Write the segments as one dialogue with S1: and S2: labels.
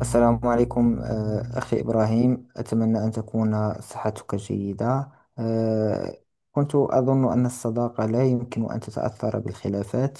S1: السلام عليكم، أخي إبراهيم، أتمنى أن تكون صحتك جيدة. آه، كنت أظن أن الصداقة لا يمكن أن تتأثر بالخلافات.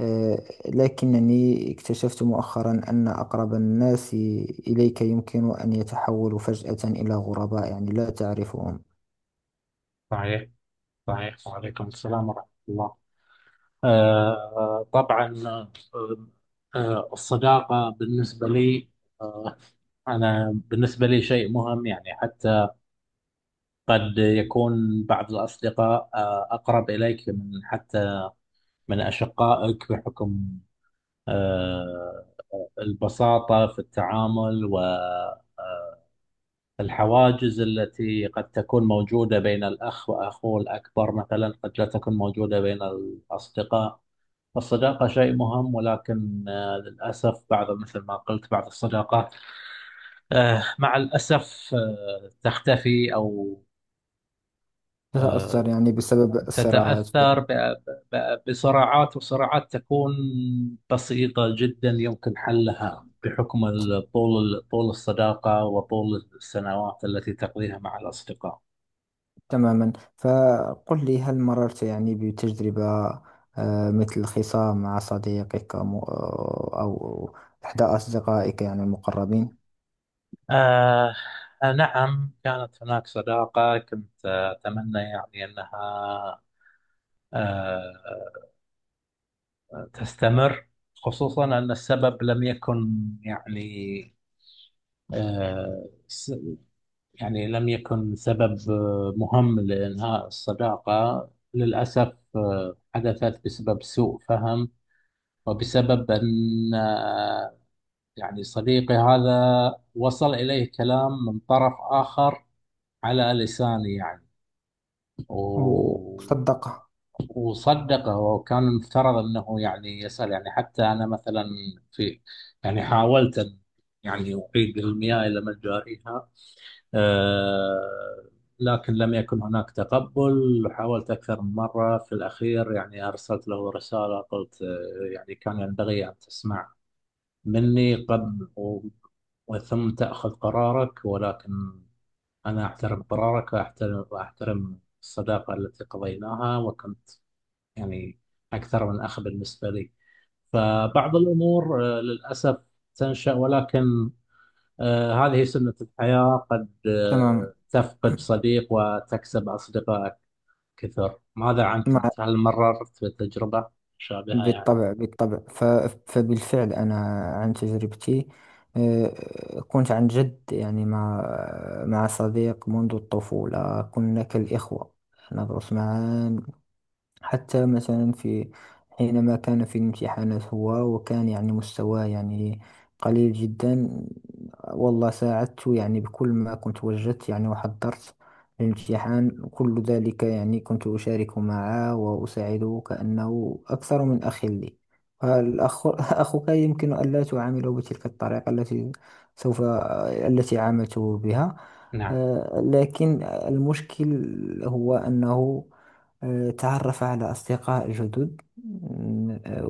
S1: آه، لكنني اكتشفت مؤخرا أن أقرب الناس إليك يمكن أن يتحولوا فجأة إلى غرباء، يعني لا تعرفهم.
S2: صحيح، صحيح. وعليكم السلام ورحمة الله. طبعا. الصداقة بالنسبة لي. آه أنا بالنسبة لي شيء مهم، يعني حتى قد يكون بعض الأصدقاء أقرب إليك من حتى من أشقائك، بحكم آه البساطة في التعامل. والحواجز التي قد تكون موجودة بين الأخ وأخوه الأكبر مثلا قد لا تكون موجودة بين الأصدقاء. الصداقة شيء مهم، ولكن للأسف بعض، مثل ما قلت، بعض الصداقات مع الأسف تختفي أو
S1: تتأثر
S2: آه،
S1: يعني بسبب الصراعات.
S2: تتأثر بصراعات. وصراعات تكون بسيطة جدا يمكن حلها بحكم طول الصداقة وطول السنوات التي تقضيها مع الأصدقاء.
S1: تماما. فقل لي، هل مررت يعني بتجربة مثل خصام مع صديقك أو إحدى أصدقائك يعني المقربين؟
S2: آه نعم، كانت هناك صداقة كنت أتمنى يعني أنها آه، تستمر، خصوصا أن السبب لم يكن يعني آه، س- يعني، لم يكن سبب مهم لإنهاء الصداقة. للأسف حدثت بسبب سوء فهم، وبسبب أن يعني صديقي هذا وصل إليه كلام من طرف آخر على لساني، يعني. و...
S1: وصدقه.
S2: وصدقه. وكان المفترض انه يعني يسأل، يعني حتى انا مثلا، في يعني حاولت ان يعني اعيد المياه الى مجاريها. آه لكن لم يكن هناك تقبل. حاولت اكثر من مره. في الاخير يعني ارسلت له رساله، قلت يعني كان ينبغي ان تسمع مني قبل وثم تاخذ قرارك، ولكن أنا أحترم قرارك، وأحترم الصداقة التي قضيناها. وكنت يعني أكثر من أخ بالنسبة لي. فبعض الأمور للأسف تنشأ، ولكن هذه سنة الحياة. قد
S1: تماما.
S2: تفقد صديق وتكسب أصدقاء كثر. ماذا عنك
S1: مع
S2: أنت؟ هل مررت بتجربة مشابهة يعني؟
S1: بالطبع، بالطبع. فبالفعل أنا، عن تجربتي، كنت عن جد يعني مع صديق منذ الطفولة. كنا كالإخوة، ندرس معا. حتى مثلا حينما كان في الامتحانات هو، وكان يعني مستواه يعني قليل جدا، والله ساعدته، يعني بكل ما كنت وجدت، يعني وحضرت الامتحان كل ذلك، يعني كنت أشارك معه وأساعده كأنه أكثر من أخ لي. الأخ أخوك يمكن ألا تعامله بتلك الطريقة التي عاملته بها.
S2: نعم،
S1: لكن المشكل هو أنه تعرف على أصدقاء جدد،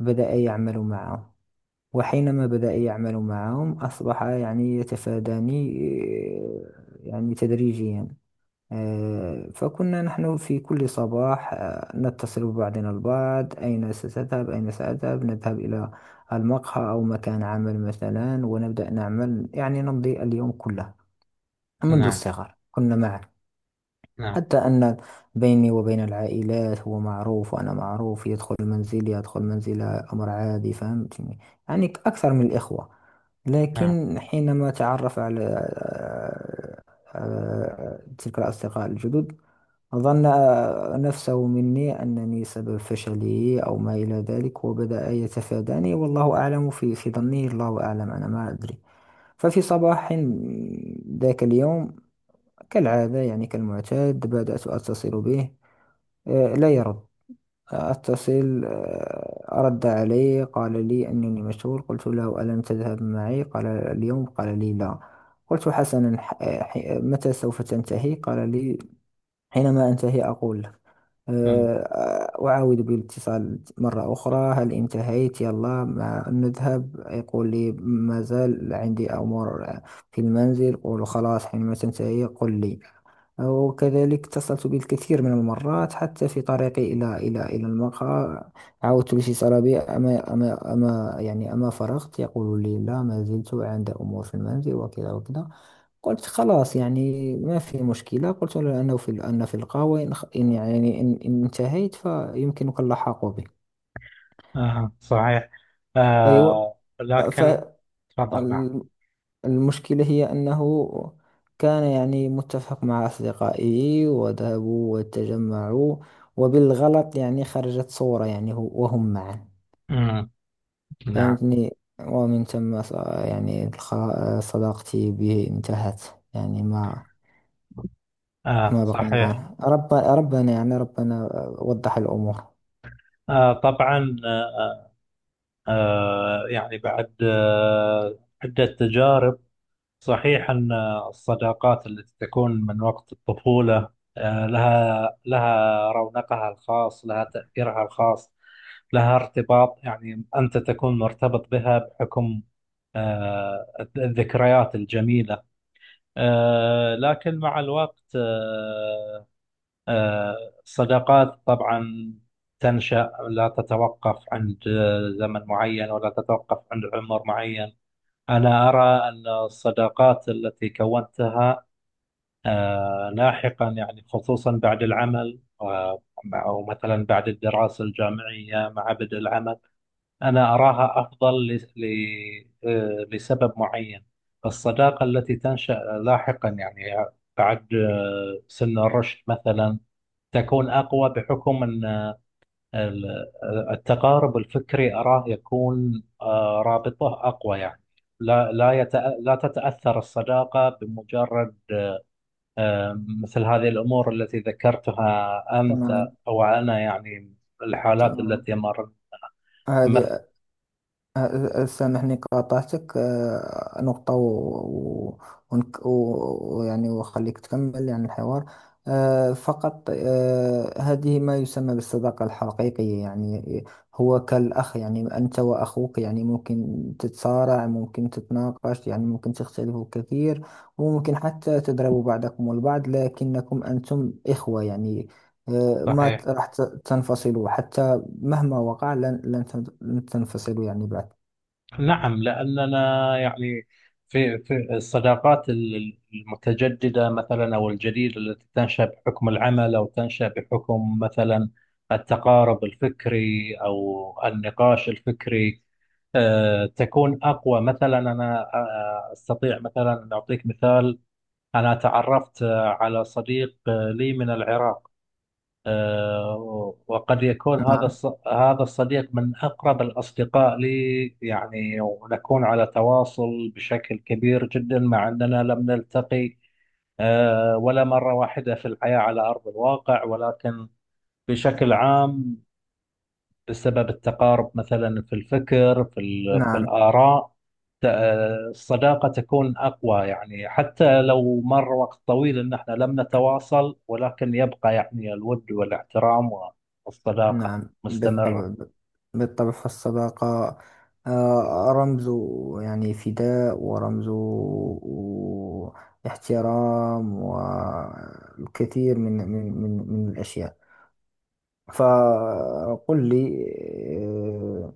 S1: وبدأ يعمل معهم. وحينما بدأ يعمل معهم أصبح يعني يتفاداني، يعني تدريجيا. فكنا نحن في كل صباح نتصل ببعضنا البعض، أين ستذهب، أين سأذهب، نذهب إلى المقهى أو مكان عمل مثلا، ونبدأ نعمل، يعني نمضي اليوم كله. منذ
S2: نعم،
S1: الصغر كنا معا،
S2: نعم،
S1: حتى أن بيني وبين العائلات هو معروف وأنا معروف، يدخل منزلي يدخل منزله أمر عادي. فهمتني؟ يعني أكثر من الإخوة.
S2: نعم.
S1: لكن حينما تعرف على تلك الأصدقاء الجدد، ظن نفسه مني أنني سبب فشله أو ما إلى ذلك، وبدأ يتفاداني، والله أعلم في ظنه، الله أعلم، أنا ما أدري. ففي صباح ذاك اليوم، كالعادة يعني كالمعتاد، بدأت أتصل به. لا يرد. أتصل، رد علي، قال لي أنني مشغول. قلت له، ألم تذهب معي قال اليوم؟ قال لي لا. قلت حسنا، متى سوف تنتهي؟ قال لي، حينما أنتهي أقول لك.
S2: مم.
S1: أعاود بالاتصال مرة أخرى، هل انتهيت؟ يلا ما نذهب؟ يقول لي، ما زال عندي أمور في المنزل. قول خلاص، حينما تنتهي قل لي. وكذلك اتصلت بالكثير من المرات، حتى في طريقي إلى المقهى، عاودت الاتصال به، أما فرغت؟ يقول لي، لا ما زلت عند أمور في المنزل، وكذا وكذا. قلت خلاص، يعني ما في مشكلة، قلت له أنه في أن في القهوة، إن خ- إن يعني إن, إن انتهيت فيمكنك اللحاق بي.
S2: صحيح.
S1: أيوة.
S2: لكن، تفضل. نعم.
S1: فالمشكلة هي أنه كان يعني متفق مع أصدقائه، وذهبوا وتجمعوا، وبالغلط يعني خرجت صورة يعني وهم معا.
S2: مم. نعم.
S1: فهمتني؟ ومن ثم صداقتي به انتهت، يعني ما ما
S2: صحيح.
S1: بقينا. رب ربنا يعني ربنا وضح الأمور.
S2: طبعا. آه يعني بعد عدة تجارب، صحيح أن الصداقات التي تكون من وقت الطفولة لها رونقها الخاص، لها تأثيرها الخاص، لها ارتباط. يعني أنت تكون مرتبط بها بحكم آه الذكريات الجميلة. لكن مع الوقت، آه، الصداقات طبعا تنشأ. لا تتوقف عند زمن معين، ولا تتوقف عند عمر معين. أنا أرى أن الصداقات التي كونتها لاحقا، يعني خصوصا بعد العمل، أو مثلا بعد الدراسة الجامعية مع بدء العمل، أنا أراها أفضل لسبب معين. الصداقة التي تنشأ لاحقا، يعني بعد سن الرشد مثلا، تكون أقوى بحكم أن ال- التقارب الفكري أراه يكون رابطه أقوى يعني. لا لا تتأثر الصداقة بمجرد آه، مثل هذه الأمور التي ذكرتها
S1: تماما.
S2: أنت أو أنا، يعني الحالات
S1: تماما.
S2: التي مرت مثل.
S1: هذه سامحني، قاطعتك نقطة، يعني وخليك تكمل يعني الحوار. فقط، هذه ما يسمى بالصداقة الحقيقية. يعني هو كالأخ، يعني أنت وأخوك يعني ممكن تتصارع، ممكن تتناقش، يعني ممكن تختلفوا كثير، وممكن حتى تضربوا بعضكم البعض، لكنكم أنتم إخوة. يعني آه، ما
S2: صحيح.
S1: ت- راح ت- تنفصلوا حتى. مهما وقع لن تنفصلوا يعني بعد.
S2: نعم، لأننا يعني في الصداقات المتجددة مثلا أو الجديدة، التي تنشأ بحكم العمل أو تنشأ بحكم مثلا التقارب الفكري أو النقاش الفكري، تكون أقوى. مثلا أنا أستطيع مثلا أن أعطيك مثال. أنا تعرفت على صديق لي من العراق. وقد يكون هذا
S1: نعم.
S2: هذا الصديق من أقرب الأصدقاء لي يعني، ونكون على تواصل بشكل كبير جدا مع أننا لم نلتقي ولا مرة واحدة في الحياة على أرض الواقع، ولكن بشكل عام بسبب التقارب مثلا في الفكر، في
S1: نعم.
S2: الآراء، ت- الصداقة تكون أقوى يعني. حتى لو مر وقت طويل إن احنا لم نتواصل، ولكن يبقى يعني الود والاحترام والصداقة
S1: نعم
S2: مستمرة.
S1: بالطبع. بالطبع، فالصداقة رمز يعني فداء، ورمز احترام، والكثير من الأشياء. فقل لي، آه،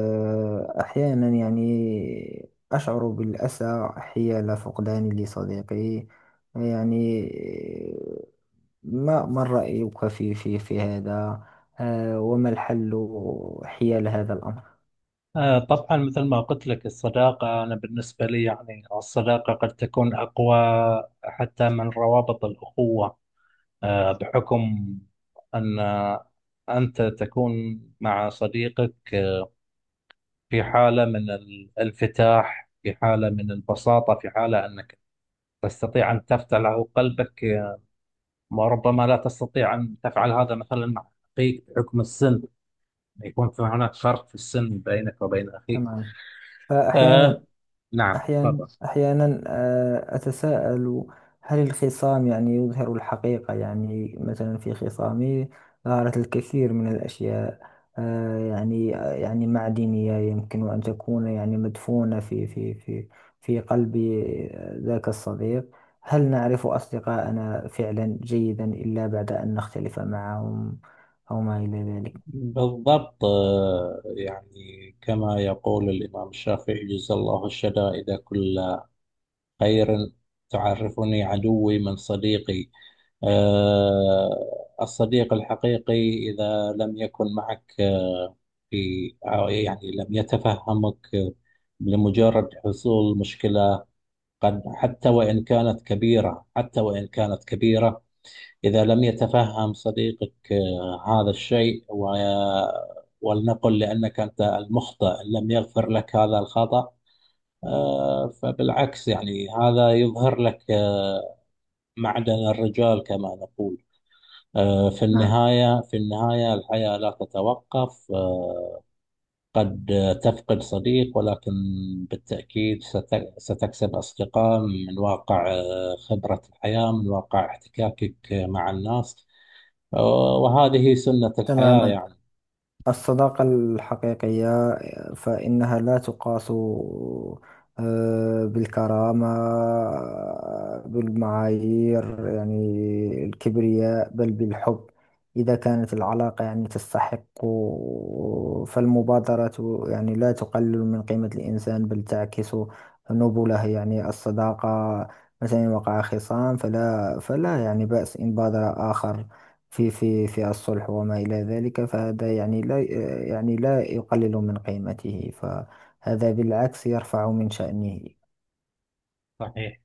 S1: أحيانا يعني أشعر بالأسى حيال فقداني لصديقي، يعني ما رأيك في هذا؟ وما الحل حيال هذا الأمر؟
S2: طبعا، مثل ما قلت لك، الصداقة أنا بالنسبة لي يعني، الصداقة قد تكون أقوى حتى من روابط الأخوة، بحكم أن أنت تكون مع صديقك في حالة من الانفتاح، في حالة من البساطة، في حالة أنك تستطيع أن تفتح له قلبك. وربما لا تستطيع أن تفعل هذا مثلا مع أخيك بحكم السن. يكون في هناك فرق في السن بينك وبين أخيك.
S1: تمام.
S2: آه
S1: فأحيانا
S2: نعم،
S1: أحيانا
S2: تفضل.
S1: أحيانا أتساءل، هل الخصام يعني يظهر الحقيقة؟ يعني مثلا في خصامي ظهرت الكثير من الأشياء، يعني معدنية يمكن أن تكون يعني مدفونة في قلب ذاك الصديق. هل نعرف أصدقاءنا فعلا جيدا إلا بعد أن نختلف معهم أو ما إلى ذلك؟
S2: بالضبط. يعني كما يقول الإمام الشافعي: جزا الله الشدائد كلا خير، تعرفني عدوي من صديقي. الصديق الحقيقي إذا لم يكن معك آه، في أو يعني لم يتفهمك لمجرد حصول مشكلة، قد حتى وإن كانت كبيرة، حتى وإن كانت كبيرة، إذا لم يتفهم صديقك هذا الشيء، ولنقل لأنك أنت المخطئ، إن لم يغفر لك هذا الخطأ، فبالعكس يعني هذا يظهر لك معدن الرجال كما نقول. في
S1: نعم.
S2: النهاية، في النهاية الحياة لا تتوقف. قد تفقد صديق، ولكن بالتأكيد ستكسب أصدقاء من واقع خبرة الحياة، من واقع احتكاكك مع الناس. وهذه سنة الحياة
S1: تماما.
S2: يعني.
S1: الصداقة الحقيقية فإنها لا تقاس بالكرامة، بالمعايير، يعني الكبرياء، بل بالحب. إذا كانت العلاقة يعني تستحق، فالمبادرة يعني لا تقلل من قيمة الإنسان، بل تعكس نبله. يعني الصداقة، مثلا إن وقع خصام فلا يعني بأس إن بادر آخر في الصلح، وما إلى ذلك. فهذا يعني لا يقلل من قيمته، فهذا بالعكس يرفع من شأنه.
S2: صحيح.